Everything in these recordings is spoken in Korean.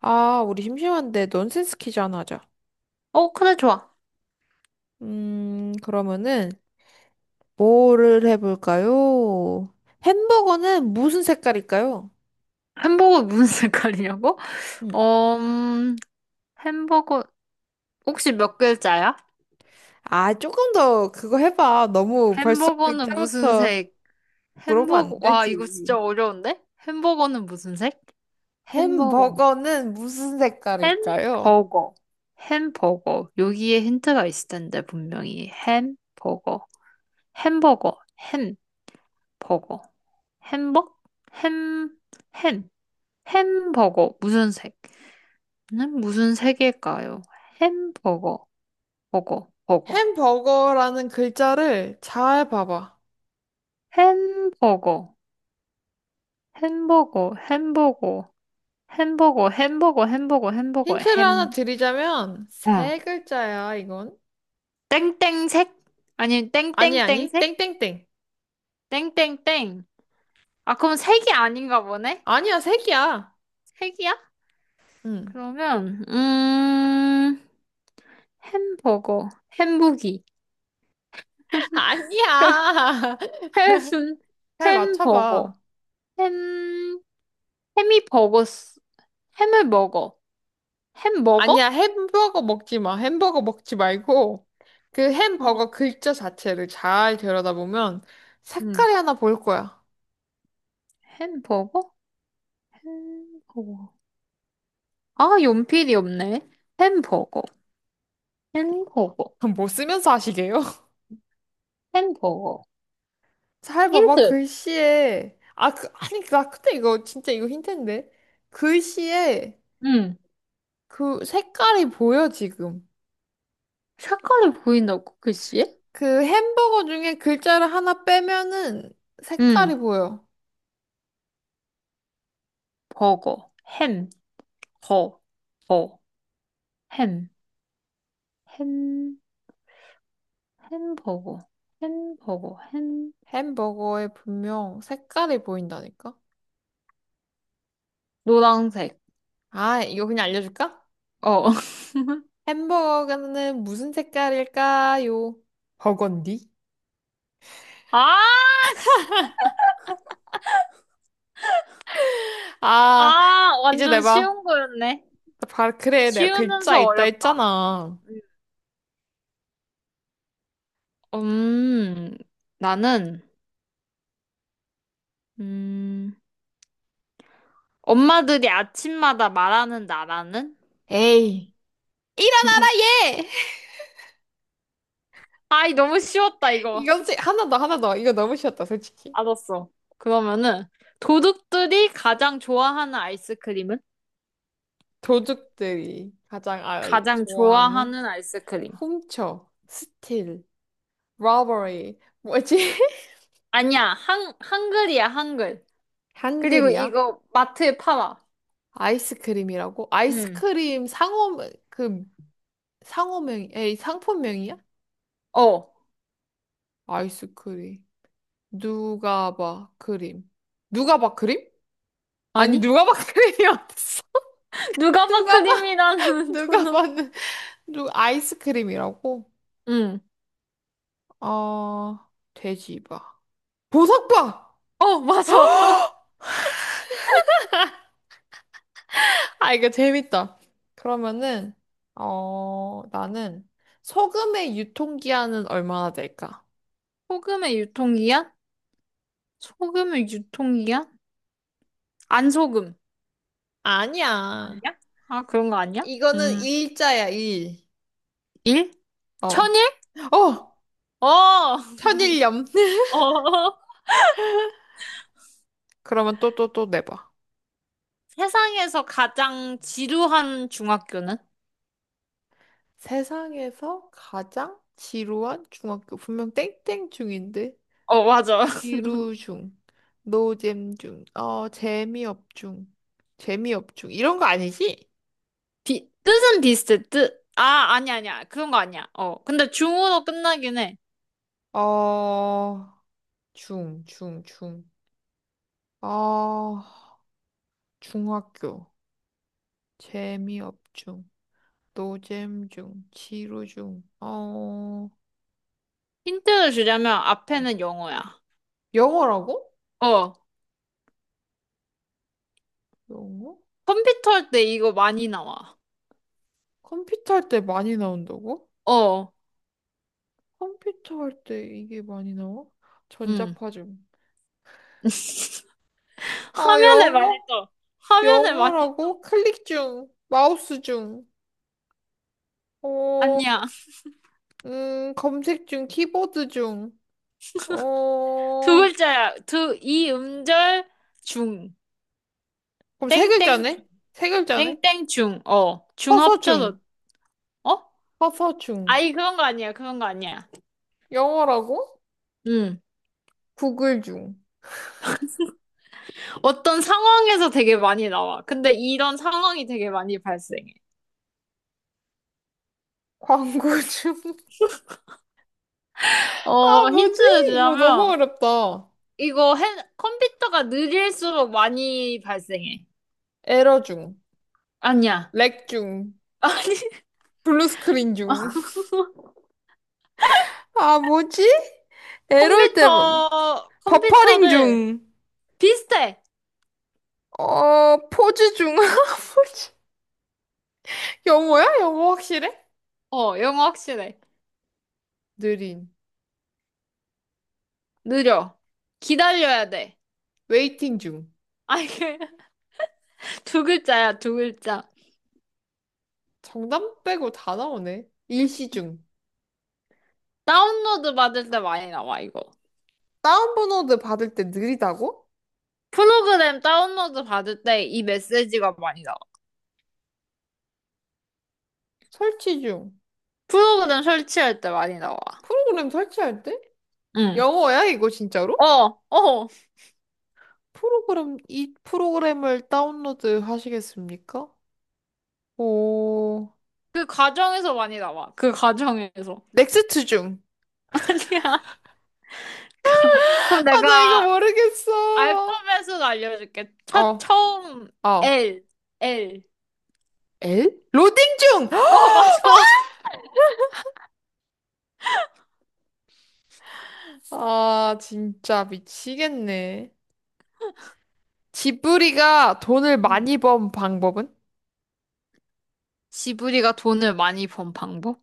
아, 우리 심심한데 넌센스 퀴즈 하나 하자. 어, 그래, 좋아. 그러면은 뭐를 해볼까요? 햄버거는 무슨 색깔일까요? 햄버거 무슨 색깔이냐고? 음. 어, 햄버거, 혹시 몇 글자야? 아, 조금 더 그거 해봐. 너무 벌써 햄버거는 무슨 글자부터 색? 물으면 햄버거, 안 와, 이거 진짜 되지. 어려운데? 햄버거는 무슨 색? 햄버거. 햄버거는 무슨 색깔일까요? 햄버거. 햄버거. 여기에 힌트가 있을 텐데, 분명히. 햄버거. 햄버거. 햄버거. 햄버? 햄, 햄. 햄버거. 무슨 색? 는 무슨 색일까요? 햄버거. 버거, 버거. 햄버거라는 글자를 잘 봐봐. 햄버거, 햄버거, 햄버거, 햄버거, 햄버거, 햄버거, 햄버거, 힌트를 햄, 하나 드리자면 어. 세 글자야, 이건. 땡땡색? 아니면 아니, 아니, 땡땡땡색? 땡땡땡. 땡땡땡. 아, 그럼 색이 아닌가 보네? 아니야, 색이야. 색이야? 응. 그러면, 햄버거, 햄부기, 아니야. 햄, 잘 햄버거, 맞춰봐. 햄, 햄이 버거스, 햄을 먹어. 햄 아니야, 먹어? 햄버거 먹지 마. 햄버거 먹지 말고, 그 어. 햄버거 글자 자체를 잘 들여다보면 응, 색깔이 하나 보일 거야. 햄버거? 햄버거. 아, 연필이 없네. 햄버거, 햄버거, 뭐 쓰면서 하시게요? 햄버거. 잘 봐봐, 힌트. 글씨에. 아, 그, 아니, 나 근데 이거 진짜 이거 힌트인데. 글씨에 응. 그 색깔이 보여, 지금. 색깔이 보인다고, 글씨? 그 햄버거 중에 글자를 하나 빼면은 색깔이 응. 보여. 버거, 햄, 거, 버, 햄, 햄, 햄버거, 햄버거, 햄. 햄버거에 분명 색깔이 보인다니까? 노란색. 아, 이거 그냥 알려줄까? 어. 햄버거는 무슨 색깔일까요? 버건디? 아, 씨. 아, 아, 이제 완전 내봐. 쉬운 거였네. 나 봐, 그래, 내가 글자 쉬우면서 있다 어렵다. 했잖아. 음, 음, 나는, 음, 엄마들이 아침마다 말하는 나라는? 에이, 일어나라, 얘! 아이, 너무 쉬웠다, 이거. 이거지, 하나 더, 하나 더. 이거 너무 쉬웠다, 솔직히. 알았어. 그러면은, 도둑들이 가장 좋아하는 아이스크림은? 도둑들이 가장 아, 가장 좋아하는 좋아하는 아이스크림. 훔쳐, 스틸, 러버리, 뭐지? 아니야, 한글이야, 한글. 그리고 한글이야? 이거 마트에 팔아. 아이스크림이라고? 응. 아이스크림 상호, 그, 상호명, 에이, 상품명이야? 어. 아이스크림. 누가 봐, 크림. 누가 봐, 크림? 아니, 아니? 누가 봐, 크림이 어딨어? 누가봐 누가 봐, 크림이라는 누가 도넛. 봐는, 누, 아이스크림이라고? 응. 어, 돼지 봐. 보석바! 어, 맞아. 아, 이거 재밌다. 그러면은, 어, 나는 소금의 유통기한은 얼마나 될까? 소금의 유통기한? 소금의 유통기한? 안 소금. 아니야. 아니야? 아, 그런 거 아니야? 이거는 일자야, 일. 일? 어. 천일? 어! 어! 천일염. 어. 그러면 또, 또, 또 내봐. 세상에서 가장 지루한 중학교는? 세상에서 가장 지루한 중학교. 분명 땡땡 중인데. 어, 맞아. 지루 중. 노잼 중. 어, 재미업 중. 재미업 중. 이런 거 아니지? 뜻은 비슷해, 뜻. 아, 아니, 아니야. 그런 거 아니야. 어. 근데 중으로 끝나긴 해. 어, 중, 중, 중. 어, 중학교. 재미업 중. 노잼 중. 지루 중. 어, 힌트를 주려면 어. 앞에는 영어야. 영어라고? 어. 영어? 컴퓨터 할 때 이거 많이 나와. 컴퓨터 할 때 많이 나온다고? 어. 컴퓨터 할 때 이게 많이 나와? 음. 전자파 중. 아, 화면에 많이 영어? 떠. 화면에 많이, 영어라고? 클릭 중, 마우스 중, 어, 아니야. 검색 중, 키보드 중, 어, 두 글자야. 두, 이 음절 중. 그럼 세 땡땡, 글자네? 중. 세 글자네? 땡땡 중. 어. 중 커서 합쳐서, 중, 어? 커서 중, 아이, 그런 거 아니야. 그런 거 아니야. 영어라고? 응. 구글 중, 어떤 상황에서 되게 많이 나와. 근데 이런 상황이 되게 많이 발생해. 광고 중. 아, 어, 뭐지? 힌트를 이거 너무 주자면, 어렵다. 컴퓨터가 느릴수록 많이 발생해. 에러 중, 아니야. 렉 중, 블루 스크린 아니, 아, 중. 아, 뭐지? 에러일 때 뭐, 컴퓨터, 버퍼링 컴퓨터를 중, 비슷해. 어, 포즈 중. 아, 뭐지? 영어야? 영어 확실해? 어, 영어 확실해. 느린. 느려. 기다려야 돼. 웨이팅 중. 아, 이게 두 글자야, 두 글자. 정답 빼고 다 나오네. 일시 중. 다운로드 받을 때 많이 나와, 이거. 다운로드 받을 때 느리다고? 프로그램 다운로드 받을 때 이 메시지가 많이 나와. 설치 중. 프로그램 설치할 때 많이 나와. 프로그램 설치할 때? 응. 영어야, 이거 어, 진짜로? 어. 프로그램, 이 프로그램을 다운로드 하시겠습니까? 오, 그 과정에서 많이 나와. 그 과정에서. 넥스트 중. 아니야. 그럼 그럼 아, 나 이거 내가 모르겠어. 알파벳으로 알려줄게. 어, 처음, 어. L, L. 엘? 로딩 중! 어, 맞아. 아, 진짜 미치겠네. 지브리가 돈을 응. 많이 번 방법은? 지브리가 돈을 많이 번 방법?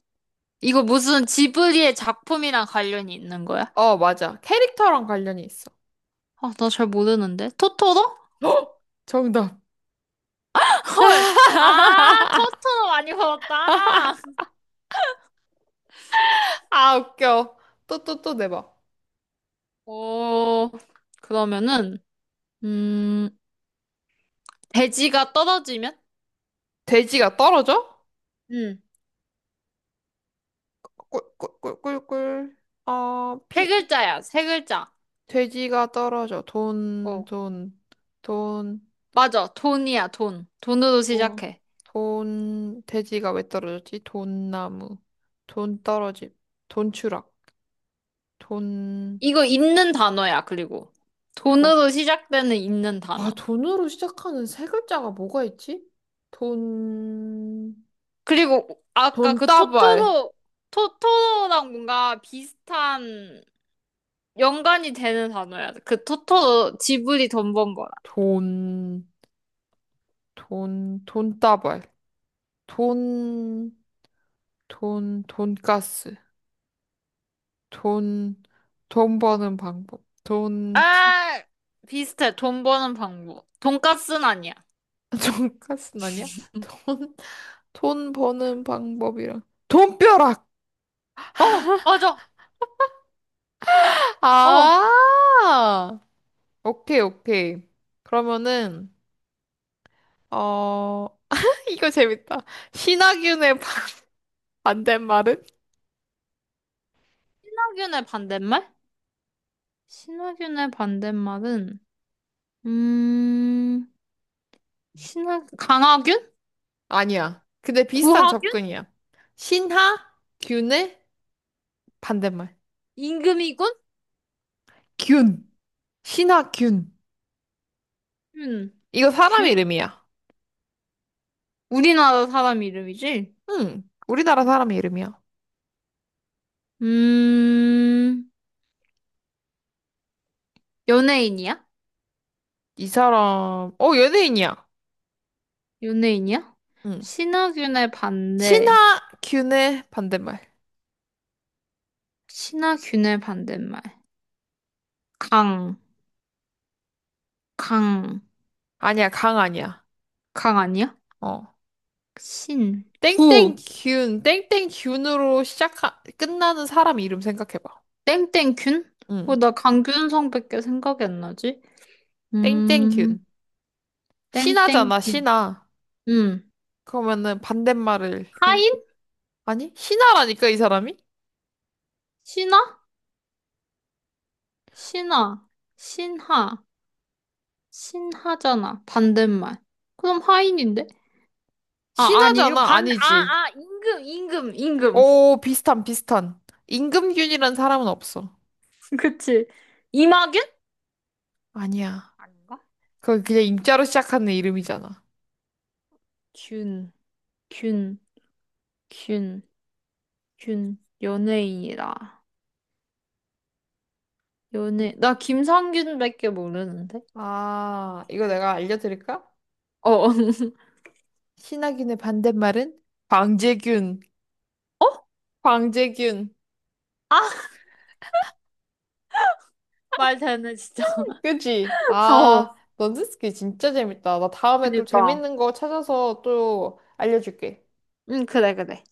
이거 무슨 지브리의 작품이랑 관련이 있는 거야? 어, 맞아. 캐릭터랑 관련이 있어. 아, 나 잘 모르는데. 토토로? 헉! 정답. 헐. 아, 토토로 많이 벌었다. 아, 웃겨. 또, 또, 또 내봐. 오, 그러면은, 음, 돼지가 떨어지면? 돼지가 떨어져? 응. 꿀꿀꿀꿀꿀. 어, 세 피. 글자야, 세 글자. 돼지가 떨어져. 돈, 어. 돈, 돈, 맞아, 돈이야, 돈. 돈으로 돈, 시작해. 돈. 돼지가 왜 떨어졌지? 돈나무. 돈 떨어짐. 돈 추락. 돈, 이거 있는 단어야, 그리고. 돈. 돈으로 시작되는 있는 단어. 와, 돈으로 시작하는 세 글자가 뭐가 있지? 돈, 그리고 아까 그 돈다발. 토토로, 토토로랑 뭔가 비슷한 연관이 되는 단어야. 그 토토로 지브리 돈 번 거랑. 돈, 돈, 돈다발. 돈, 돈, 돈가스. 돈, 돈 버는 방법. 돈, 티, 아, 비슷해. 돈 버는 방법. 돈까스는 아니야. 돈가스는 아니야? 돈, 돈 버는 방법이랑. 돈벼락! 어, 맞아. 어, 아! 오케이, 오케이. 그러면은, 어, 이거 재밌다. 신하균의 반대말은? 신화균의 반대말? 신화균의 반대말은, 음, 신하 강하균? 아니야. 근데 비슷한 구하균? 접근이야. 신하균의 반대말. 임금이군? 균. 신하균. 균. 이거 사람 균? 이름이야. 우리나라 사람 이름이지? 응. 우리나라 사람 이름이야. 음, 연예인이야? 이 사람, 어, 연예인이야. 연예인이야? 응. 신하균의 반대. 신하균의 반대말. 신하균의 반대말. 강, 강, 아니야, 강 아니야. 강 아니야? 어. 신, 구, 땡땡균, 땡땡균으로 시작하, 끝나는 사람 이름 생각해봐. 땡땡균? 어, 응. 나 강균성밖에 생각이 안 나지? 땡땡균. 음, 신하잖아, 땡땡균. 신하. 음, 그러면은 반대말을 생각해. 하인? 아니? 신하라니까, 이 사람이? 신하? 신하. 신하. 신하잖아. 반대말. 그럼 하인인데? 아, 아니, 이거 신하잖아, 반, 아, 아니지. 아, 임금, 임금, 임금. 오, 비슷한, 비슷한. 임금균이란 사람은 없어. 그치. 이마균? 아니야. 아닌가? 그거 그냥 임자로 시작하는 이름이잖아. 균, 균, 균, 균. 연예인이라. 연예, 나 김상균밖에 모르는데? 아, 이거 균. 내가 알려드릴까? 어, 어. 신하균의 반대말은 광재균. 어? 광재균. 아, 말 되네, 진짜. 그지? 어, 아, 넌지스키 진짜 재밌다. 나 다음에 또 그니까. 재밌는 거 찾아서 또 알려줄게. 응, 그래, 그래.